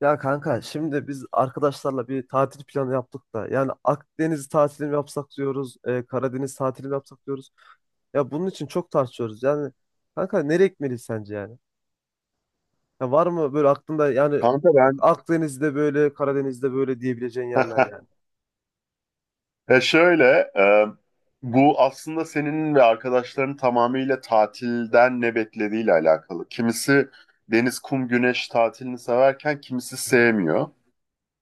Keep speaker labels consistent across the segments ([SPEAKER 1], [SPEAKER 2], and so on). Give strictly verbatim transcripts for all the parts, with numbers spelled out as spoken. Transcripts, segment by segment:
[SPEAKER 1] Ya kanka şimdi biz arkadaşlarla bir tatil planı yaptık da yani Akdeniz tatili mi yapsak diyoruz, e, Karadeniz tatili mi yapsak diyoruz. Ya bunun için çok tartışıyoruz. Yani kanka nereye gitmeliyiz sence yani? Ya var mı böyle aklında yani
[SPEAKER 2] Kanka ben
[SPEAKER 1] Akdeniz'de böyle, Karadeniz'de böyle diyebileceğin yerler yani?
[SPEAKER 2] ya şöyle e, bu aslında senin ve arkadaşların tamamıyla tatilden ne beklediğiyle alakalı. Kimisi deniz, kum, güneş tatilini severken kimisi sevmiyor.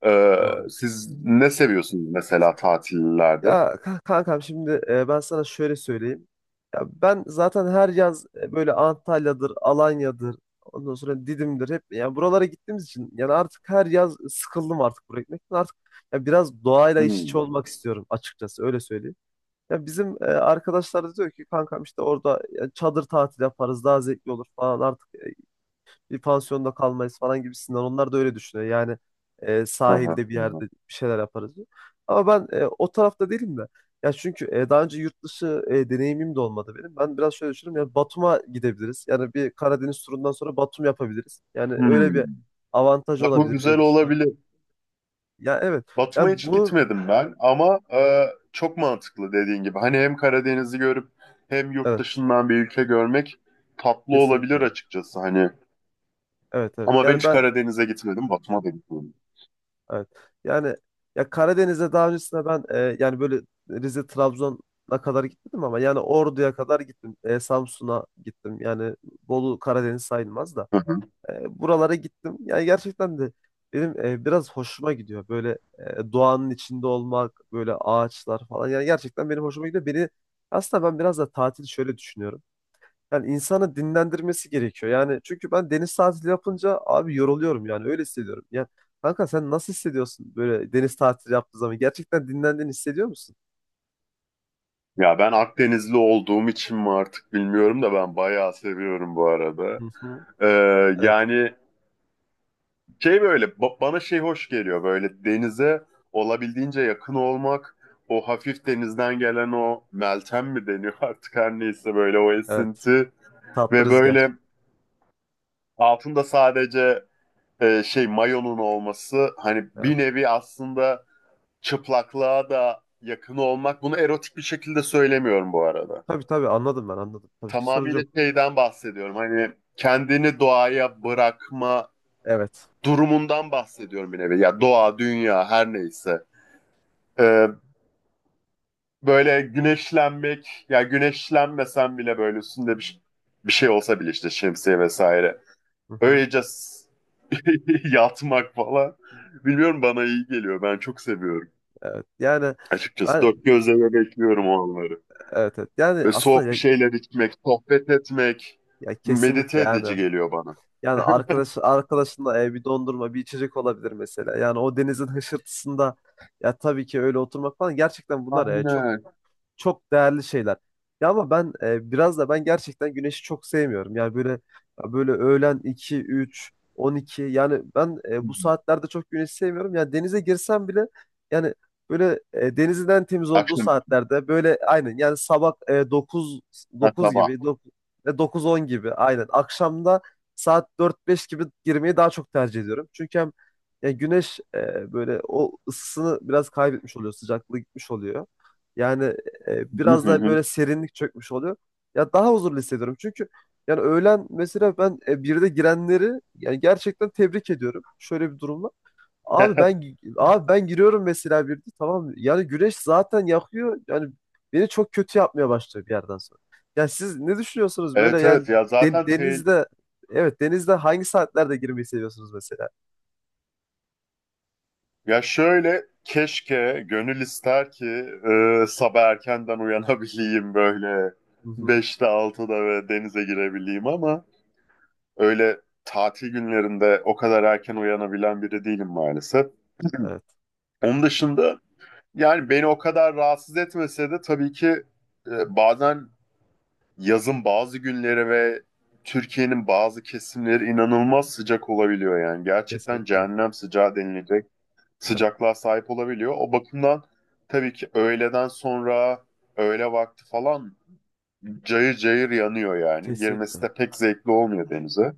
[SPEAKER 2] E,
[SPEAKER 1] Doğru.
[SPEAKER 2] Siz ne seviyorsunuz mesela tatillerde?
[SPEAKER 1] Ya ka- kankam şimdi e, ben sana şöyle söyleyeyim. Ya ben zaten her yaz e, böyle Antalya'dır, Alanya'dır, ondan sonra Didim'dir hep yani buralara gittiğimiz için yani artık her yaz sıkıldım artık buraya gitmekten. Artık ya biraz doğayla iç içe
[SPEAKER 2] Hmm.
[SPEAKER 1] olmak istiyorum açıkçası öyle söyleyeyim. Ya bizim e, arkadaşlar da diyor ki kankam işte orada ya, çadır tatil yaparız daha zevkli olur falan artık e, bir pansiyonda kalmayız falan gibisinden. Onlar da öyle düşünüyor. Yani e,
[SPEAKER 2] Aha,
[SPEAKER 1] sahilde bir
[SPEAKER 2] aha.
[SPEAKER 1] yerde bir şeyler yaparız diyor. Ama ben e, o tarafta değilim de. Ya çünkü e, daha önce yurt dışı e, deneyimim de olmadı benim. Ben biraz şöyle düşünüyorum. Ya Batum'a gidebiliriz. Yani bir Karadeniz turundan sonra Batum yapabiliriz. Yani öyle bir
[SPEAKER 2] Hmm.
[SPEAKER 1] avantajı
[SPEAKER 2] Bak bu
[SPEAKER 1] olabilir diye
[SPEAKER 2] güzel
[SPEAKER 1] düşünüyorum.
[SPEAKER 2] olabilir.
[SPEAKER 1] Ya evet.
[SPEAKER 2] Batum'a
[SPEAKER 1] Yani
[SPEAKER 2] hiç
[SPEAKER 1] bu,
[SPEAKER 2] gitmedim ben ama e, çok mantıklı dediğin gibi. Hani hem Karadeniz'i görüp hem yurt
[SPEAKER 1] evet,
[SPEAKER 2] dışından bir ülke görmek tatlı olabilir
[SPEAKER 1] kesinlikle.
[SPEAKER 2] açıkçası hani.
[SPEAKER 1] Evet, evet.
[SPEAKER 2] Ama ben
[SPEAKER 1] Yani
[SPEAKER 2] hiç
[SPEAKER 1] ben
[SPEAKER 2] Karadeniz'e gitmedim, Batum'a da gitmedim.
[SPEAKER 1] evet. Yani ya Karadeniz'e daha öncesinde ben e, yani böyle Rize Trabzon'a kadar gitmedim ama yani Ordu'ya kadar gittim. E, Samsun'a gittim. Yani Bolu Karadeniz sayılmaz da.
[SPEAKER 2] Hı hı.
[SPEAKER 1] E, buralara gittim. Yani gerçekten de benim e, biraz hoşuma gidiyor. Böyle e, doğanın içinde olmak, böyle ağaçlar falan. Yani gerçekten benim hoşuma gidiyor. Beni aslında ben biraz da tatil şöyle düşünüyorum. Yani insanı dinlendirmesi gerekiyor. Yani çünkü ben deniz tatili yapınca abi yoruluyorum yani öyle hissediyorum. Yani kanka sen nasıl hissediyorsun böyle deniz tatili yaptığın zaman? Gerçekten dinlendiğini hissediyor musun?
[SPEAKER 2] Ya ben Akdenizli olduğum için mi artık bilmiyorum da ben bayağı seviyorum bu arada.
[SPEAKER 1] Hı hı.
[SPEAKER 2] E,
[SPEAKER 1] Evet,
[SPEAKER 2] yani şey böyle ba- bana şey hoş geliyor böyle denize olabildiğince yakın olmak. O hafif denizden gelen o meltem mi deniyor artık her neyse böyle o
[SPEAKER 1] evet.
[SPEAKER 2] esinti.
[SPEAKER 1] Tatlı
[SPEAKER 2] Ve
[SPEAKER 1] rüzgar.
[SPEAKER 2] böyle altında sadece e, şey mayonun olması hani bir
[SPEAKER 1] Evet.
[SPEAKER 2] nevi aslında çıplaklığa da yakın olmak. Bunu erotik bir şekilde söylemiyorum bu arada.
[SPEAKER 1] Tabii tabii, anladım, ben anladım. Tabii ki sorun
[SPEAKER 2] Tamamıyla
[SPEAKER 1] yok.
[SPEAKER 2] şeyden bahsediyorum. Hani kendini doğaya bırakma
[SPEAKER 1] Evet.
[SPEAKER 2] durumundan bahsediyorum bir nevi. Ya doğa, dünya her neyse. E, böyle güneşlenmek ya güneşlenmesen bile böyle üstünde bir, bir şey olsa bile işte şemsiye vesaire.
[SPEAKER 1] Hı hı.
[SPEAKER 2] Öylece s- yatmak falan. Bilmiyorum bana iyi geliyor. Ben çok seviyorum.
[SPEAKER 1] Evet. Yani
[SPEAKER 2] Açıkçası
[SPEAKER 1] ben
[SPEAKER 2] dört gözle de bekliyorum o anları.
[SPEAKER 1] evet, evet. Yani
[SPEAKER 2] Ve soğuk
[SPEAKER 1] aslında
[SPEAKER 2] bir
[SPEAKER 1] ya,
[SPEAKER 2] şeyler içmek, sohbet etmek
[SPEAKER 1] ya kesinlikle
[SPEAKER 2] medite edici
[SPEAKER 1] yani.
[SPEAKER 2] geliyor bana.
[SPEAKER 1] Yani arkadaş arkadaşınla e, bir dondurma, bir içecek olabilir mesela. Yani o denizin hışırtısında ya tabii ki öyle oturmak falan, gerçekten bunlar e, çok
[SPEAKER 2] Aynen.
[SPEAKER 1] çok değerli şeyler. Ya ama ben e, biraz da ben gerçekten güneşi çok sevmiyorum. Yani böyle ya böyle öğlen iki üç on iki. Yani ben
[SPEAKER 2] Hı
[SPEAKER 1] e,
[SPEAKER 2] hı.
[SPEAKER 1] bu saatlerde çok güneşi sevmiyorum. Yani denize girsem bile yani böyle e, denizden temiz olduğu
[SPEAKER 2] Akşam,
[SPEAKER 1] saatlerde böyle aynen yani sabah e, dokuz
[SPEAKER 2] ha,
[SPEAKER 1] 9
[SPEAKER 2] sabah.
[SPEAKER 1] gibi, dokuz on gibi, aynen akşamda saat dört beş gibi girmeyi daha çok tercih ediyorum. Çünkü hem ya güneş e, böyle o ısısını biraz kaybetmiş oluyor, sıcaklığı gitmiş oluyor. Yani e,
[SPEAKER 2] Hı
[SPEAKER 1] biraz
[SPEAKER 2] hı
[SPEAKER 1] da
[SPEAKER 2] hı.
[SPEAKER 1] böyle serinlik çökmüş oluyor. Ya daha huzurlu hissediyorum. Çünkü yani öğlen mesela ben e, birde girenleri yani gerçekten tebrik ediyorum. Şöyle bir durumla. Abi ben abi ben giriyorum mesela birde, tamam mı? Yani güneş zaten yakıyor. Yani beni çok kötü yapmaya başlıyor bir yerden sonra. Ya siz ne düşünüyorsunuz böyle
[SPEAKER 2] Evet
[SPEAKER 1] yani
[SPEAKER 2] evet ya
[SPEAKER 1] de-
[SPEAKER 2] zaten te-
[SPEAKER 1] denizde, evet, denizde hangi saatlerde girmeyi seviyorsunuz mesela?
[SPEAKER 2] ya şöyle keşke gönül ister ki e, sabah erkenden uyanabileyim böyle
[SPEAKER 1] Hı hı.
[SPEAKER 2] beşte altıda ve denize girebileyim ama öyle tatil günlerinde o kadar erken uyanabilen biri değilim maalesef.
[SPEAKER 1] Evet.
[SPEAKER 2] Onun dışında yani beni o kadar rahatsız etmese de tabii ki e, bazen yazın bazı günleri ve Türkiye'nin bazı kesimleri inanılmaz sıcak olabiliyor yani. Gerçekten
[SPEAKER 1] Kesinlikle.
[SPEAKER 2] cehennem sıcağı denilecek
[SPEAKER 1] Evet.
[SPEAKER 2] sıcaklığa sahip olabiliyor. O bakımdan tabii ki öğleden sonra öğle vakti falan cayır cayır yanıyor yani. Girmesi
[SPEAKER 1] Kesinlikle.
[SPEAKER 2] de pek zevkli olmuyor denize.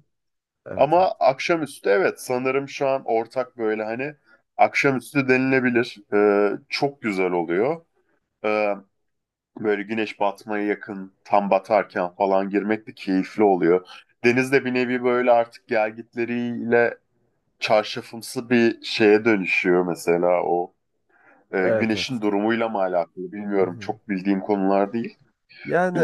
[SPEAKER 1] Evet, evet.
[SPEAKER 2] Ama akşamüstü evet sanırım şu an ortak böyle hani akşamüstü denilebilir. Ee, çok güzel oluyor. Ee, böyle güneş batmaya yakın tam batarken falan girmek de keyifli oluyor. Deniz de bir nevi böyle artık gelgitleriyle çarşafımsı bir şeye dönüşüyor mesela o. Ee,
[SPEAKER 1] Evet,
[SPEAKER 2] güneşin
[SPEAKER 1] evet.
[SPEAKER 2] durumuyla mı alakalı
[SPEAKER 1] Hı
[SPEAKER 2] bilmiyorum
[SPEAKER 1] hı.
[SPEAKER 2] çok bildiğim konular değil.
[SPEAKER 1] Yani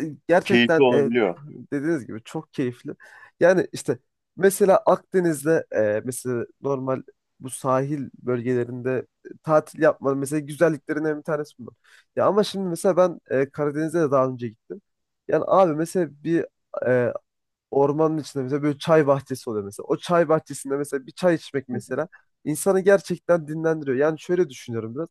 [SPEAKER 1] e,
[SPEAKER 2] Keyifli
[SPEAKER 1] gerçekten e,
[SPEAKER 2] olabiliyor.
[SPEAKER 1] dediğiniz gibi çok keyifli. Yani işte mesela Akdeniz'de e, mesela normal bu sahil bölgelerinde e, tatil yapmanın mesela güzelliklerinden bir tanesi bunlar. Ya ama şimdi mesela ben e, Karadeniz'e de daha önce gittim. Yani abi mesela bir e, ormanın içinde mesela böyle çay bahçesi oluyor mesela. O çay bahçesinde mesela bir çay içmek mesela insanı gerçekten dinlendiriyor. Yani şöyle düşünüyorum biraz.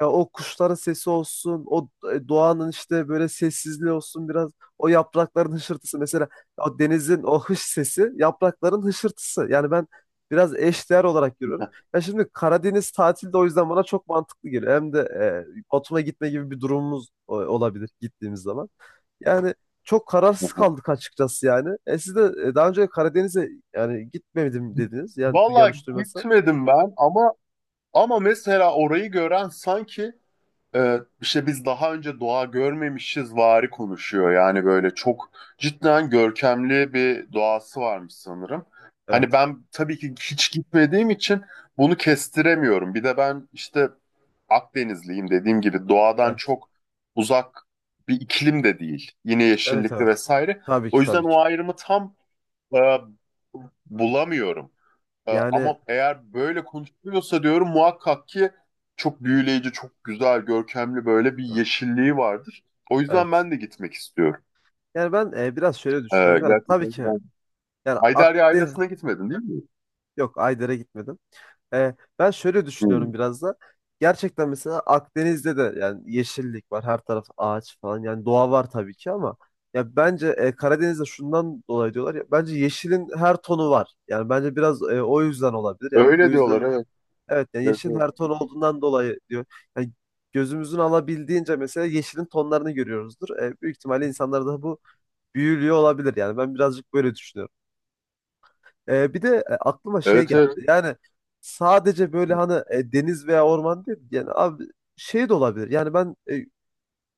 [SPEAKER 1] Ya o kuşların sesi olsun, o e, doğanın işte böyle sessizliği olsun, biraz o yaprakların hışırtısı mesela, o denizin o hış sesi, yaprakların hışırtısı. Yani ben biraz eşdeğer olarak görüyorum. Ya şimdi Karadeniz tatili de o yüzden bana çok mantıklı geliyor. Hem de e, Batum'a gitme gibi bir durumumuz e, olabilir gittiğimiz zaman. Yani çok kararsız kaldık açıkçası yani. E siz de e, daha önce Karadeniz'e yani gitmedim dediniz. Yani du-
[SPEAKER 2] Valla
[SPEAKER 1] yanlış duymasam.
[SPEAKER 2] gitmedim ben ama ama mesela orayı gören sanki e, işte biz daha önce doğa görmemişiz vari konuşuyor. Yani böyle çok cidden görkemli bir doğası varmış sanırım. Hani
[SPEAKER 1] Evet.
[SPEAKER 2] ben tabii ki hiç gitmediğim için bunu kestiremiyorum. Bir de ben işte Akdenizliyim dediğim gibi doğadan
[SPEAKER 1] Evet.
[SPEAKER 2] çok uzak bir iklim de değil. Yine
[SPEAKER 1] Evet,
[SPEAKER 2] yeşillikli
[SPEAKER 1] evet.
[SPEAKER 2] vesaire.
[SPEAKER 1] Tabii
[SPEAKER 2] O
[SPEAKER 1] ki,
[SPEAKER 2] yüzden
[SPEAKER 1] tabii ki.
[SPEAKER 2] o ayrımı tam e, bulamıyorum. Ee,
[SPEAKER 1] Yani
[SPEAKER 2] ama eğer böyle konuşuluyorsa diyorum muhakkak ki çok büyüleyici, çok güzel, görkemli böyle bir
[SPEAKER 1] evet.
[SPEAKER 2] yeşilliği vardır. O yüzden
[SPEAKER 1] Evet.
[SPEAKER 2] ben de gitmek istiyorum.
[SPEAKER 1] Yani ben e, biraz şöyle
[SPEAKER 2] Ee,
[SPEAKER 1] düşünüyorum. Yani tabii
[SPEAKER 2] gerçekten
[SPEAKER 1] ki
[SPEAKER 2] ben...
[SPEAKER 1] yani
[SPEAKER 2] Haydari
[SPEAKER 1] aklı
[SPEAKER 2] ailesine gitmedin değil mi?
[SPEAKER 1] yok, Ayder'e gitmedim. E, ben şöyle
[SPEAKER 2] Hmm.
[SPEAKER 1] düşünüyorum biraz da. Gerçekten mesela Akdeniz'de de yani yeşillik var, her taraf ağaç falan. Yani doğa var tabii ki ama ya bence e, Karadeniz'de şundan dolayı diyorlar, ya bence yeşilin her tonu var. Yani bence biraz e, o yüzden olabilir. Yani bu
[SPEAKER 2] Öyle
[SPEAKER 1] yüzden,
[SPEAKER 2] diyorlar evet.
[SPEAKER 1] evet, yani
[SPEAKER 2] Evet
[SPEAKER 1] yeşilin
[SPEAKER 2] evet.
[SPEAKER 1] her tonu olduğundan dolayı diyor. Yani gözümüzün alabildiğince mesela yeşilin tonlarını görüyoruzdur. E, büyük ihtimalle insanlar da bu büyülüyor olabilir. Yani ben birazcık böyle düşünüyorum. Ee, bir de e, aklıma şey
[SPEAKER 2] Evet,
[SPEAKER 1] geldi.
[SPEAKER 2] evet.
[SPEAKER 1] Yani sadece böyle hani e, deniz veya orman değil. Yani abi şey de olabilir. Yani ben e,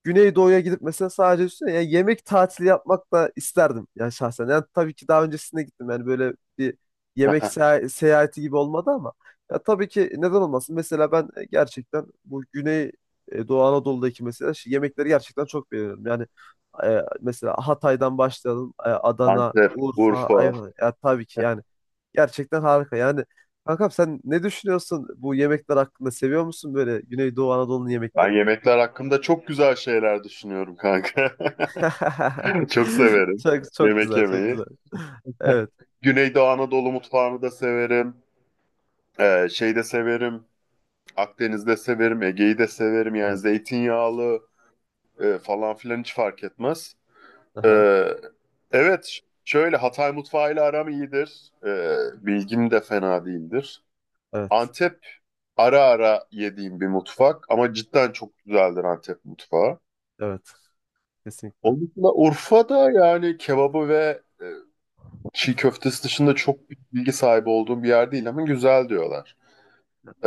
[SPEAKER 1] Güneydoğu'ya gidip mesela sadece üstüne ya yemek tatili yapmak da isterdim yani şahsen. Yani tabii ki daha öncesinde gittim yani böyle bir yemek seya- seyahati gibi olmadı ama ya tabii ki neden olmasın? Mesela ben e, gerçekten bu Güney e, Doğu Anadolu'daki mesela şu yemekleri gerçekten çok beğeniyorum. Yani e, mesela Hatay'dan başlayalım, e, Adana,
[SPEAKER 2] Antep,
[SPEAKER 1] Urfa,
[SPEAKER 2] Urfa.
[SPEAKER 1] Ayvan. Ya tabii ki yani gerçekten harika. Yani kankam sen ne düşünüyorsun bu yemekler hakkında? Seviyor musun böyle Güneydoğu Anadolu'nun
[SPEAKER 2] Ben
[SPEAKER 1] yemeklerini?
[SPEAKER 2] yemekler hakkında çok güzel şeyler düşünüyorum kanka. Çok severim
[SPEAKER 1] Çok çok
[SPEAKER 2] yemek
[SPEAKER 1] güzel, çok
[SPEAKER 2] yemeyi.
[SPEAKER 1] güzel. Evet,
[SPEAKER 2] Güneydoğu Anadolu mutfağını da severim. Ee, şey de severim. Akdeniz'de severim, Ege'yi de severim. Yani
[SPEAKER 1] evet.
[SPEAKER 2] zeytinyağlı e, falan filan hiç fark etmez. E,
[SPEAKER 1] Aha,
[SPEAKER 2] evet, şöyle Hatay mutfağıyla aram iyidir. E, bilgim de fena değildir.
[SPEAKER 1] evet,
[SPEAKER 2] Antep ara ara yediğim bir mutfak ama cidden çok güzeldir Antep mutfağı.
[SPEAKER 1] evet. Kesinlikle.
[SPEAKER 2] Onun dışında Urfa'da yani kebabı ve e, çiğ köftesi dışında çok bilgi sahibi olduğum bir yer değil ama güzel diyorlar.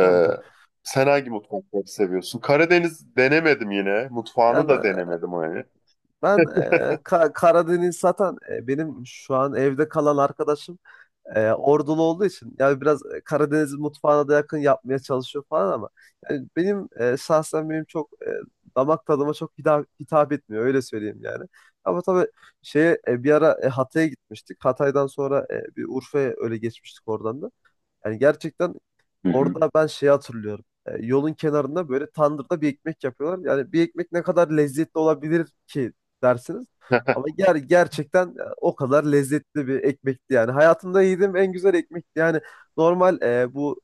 [SPEAKER 1] Tabii, tabii.
[SPEAKER 2] sen hangi mutfakları seviyorsun? Karadeniz denemedim yine. Mutfağını
[SPEAKER 1] Yani
[SPEAKER 2] da
[SPEAKER 1] e,
[SPEAKER 2] denemedim hani.
[SPEAKER 1] ben e, Ka- Karadeniz zaten e, benim şu an evde kalan arkadaşım e, Ordulu olduğu için yani biraz e, Karadeniz mutfağına da yakın yapmaya çalışıyor falan ama yani benim e, şahsen benim çok e, damak tadıma çok hitap, hitap etmiyor öyle söyleyeyim yani. Ama tabii şeye e, bir ara e, Hatay'a gitmiştik. Hatay'dan sonra e, bir Urfa'ya öyle geçmiştik oradan da. Yani gerçekten
[SPEAKER 2] Hı hı.
[SPEAKER 1] orada ben şey hatırlıyorum. E, yolun kenarında böyle tandırda bir ekmek yapıyorlar. Yani bir ekmek ne kadar lezzetli olabilir ki dersiniz. Ama ger gerçekten e, o kadar lezzetli bir ekmekti yani. Hayatımda yediğim en güzel ekmekti. Yani normal e, bu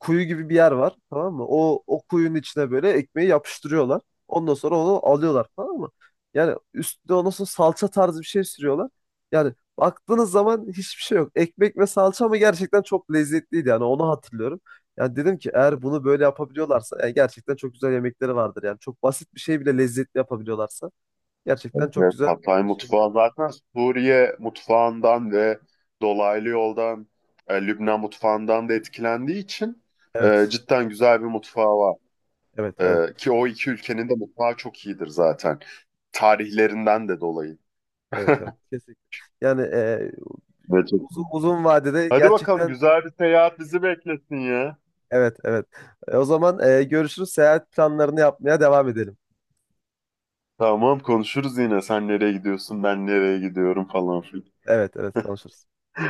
[SPEAKER 1] kuyu gibi bir yer var, tamam mı? O o kuyunun içine böyle ekmeği yapıştırıyorlar. Ondan sonra onu alıyorlar, tamam mı? Yani üstüne ondan sonra salça tarzı bir şey sürüyorlar. Yani baktığınız zaman hiçbir şey yok. Ekmek ve salça ama gerçekten çok lezzetliydi yani, onu hatırlıyorum. Yani dedim ki eğer bunu böyle yapabiliyorlarsa yani gerçekten çok güzel yemekleri vardır. Yani çok basit bir şey bile lezzetli yapabiliyorlarsa gerçekten çok
[SPEAKER 2] Evet,
[SPEAKER 1] güzel
[SPEAKER 2] Hatay
[SPEAKER 1] şeyler.
[SPEAKER 2] mutfağı zaten Suriye mutfağından ve dolaylı yoldan e, Lübnan mutfağından da etkilendiği için e,
[SPEAKER 1] Evet.
[SPEAKER 2] cidden güzel bir mutfağı var.
[SPEAKER 1] Evet, evet,
[SPEAKER 2] E, ki o iki ülkenin de mutfağı çok iyidir zaten. Tarihlerinden de dolayı.
[SPEAKER 1] evet, evet. Kesinlikle. Yani e,
[SPEAKER 2] Evet, çok-
[SPEAKER 1] uzun, uzun vadede
[SPEAKER 2] Hadi bakalım
[SPEAKER 1] gerçekten
[SPEAKER 2] güzel bir seyahat bizi beklesin ya.
[SPEAKER 1] evet, evet. E, o zaman e, görüşürüz. Seyahat planlarını yapmaya devam edelim.
[SPEAKER 2] Tamam konuşuruz yine. Sen nereye gidiyorsun, ben nereye gidiyorum falan filan.
[SPEAKER 1] Evet, evet, konuşuruz.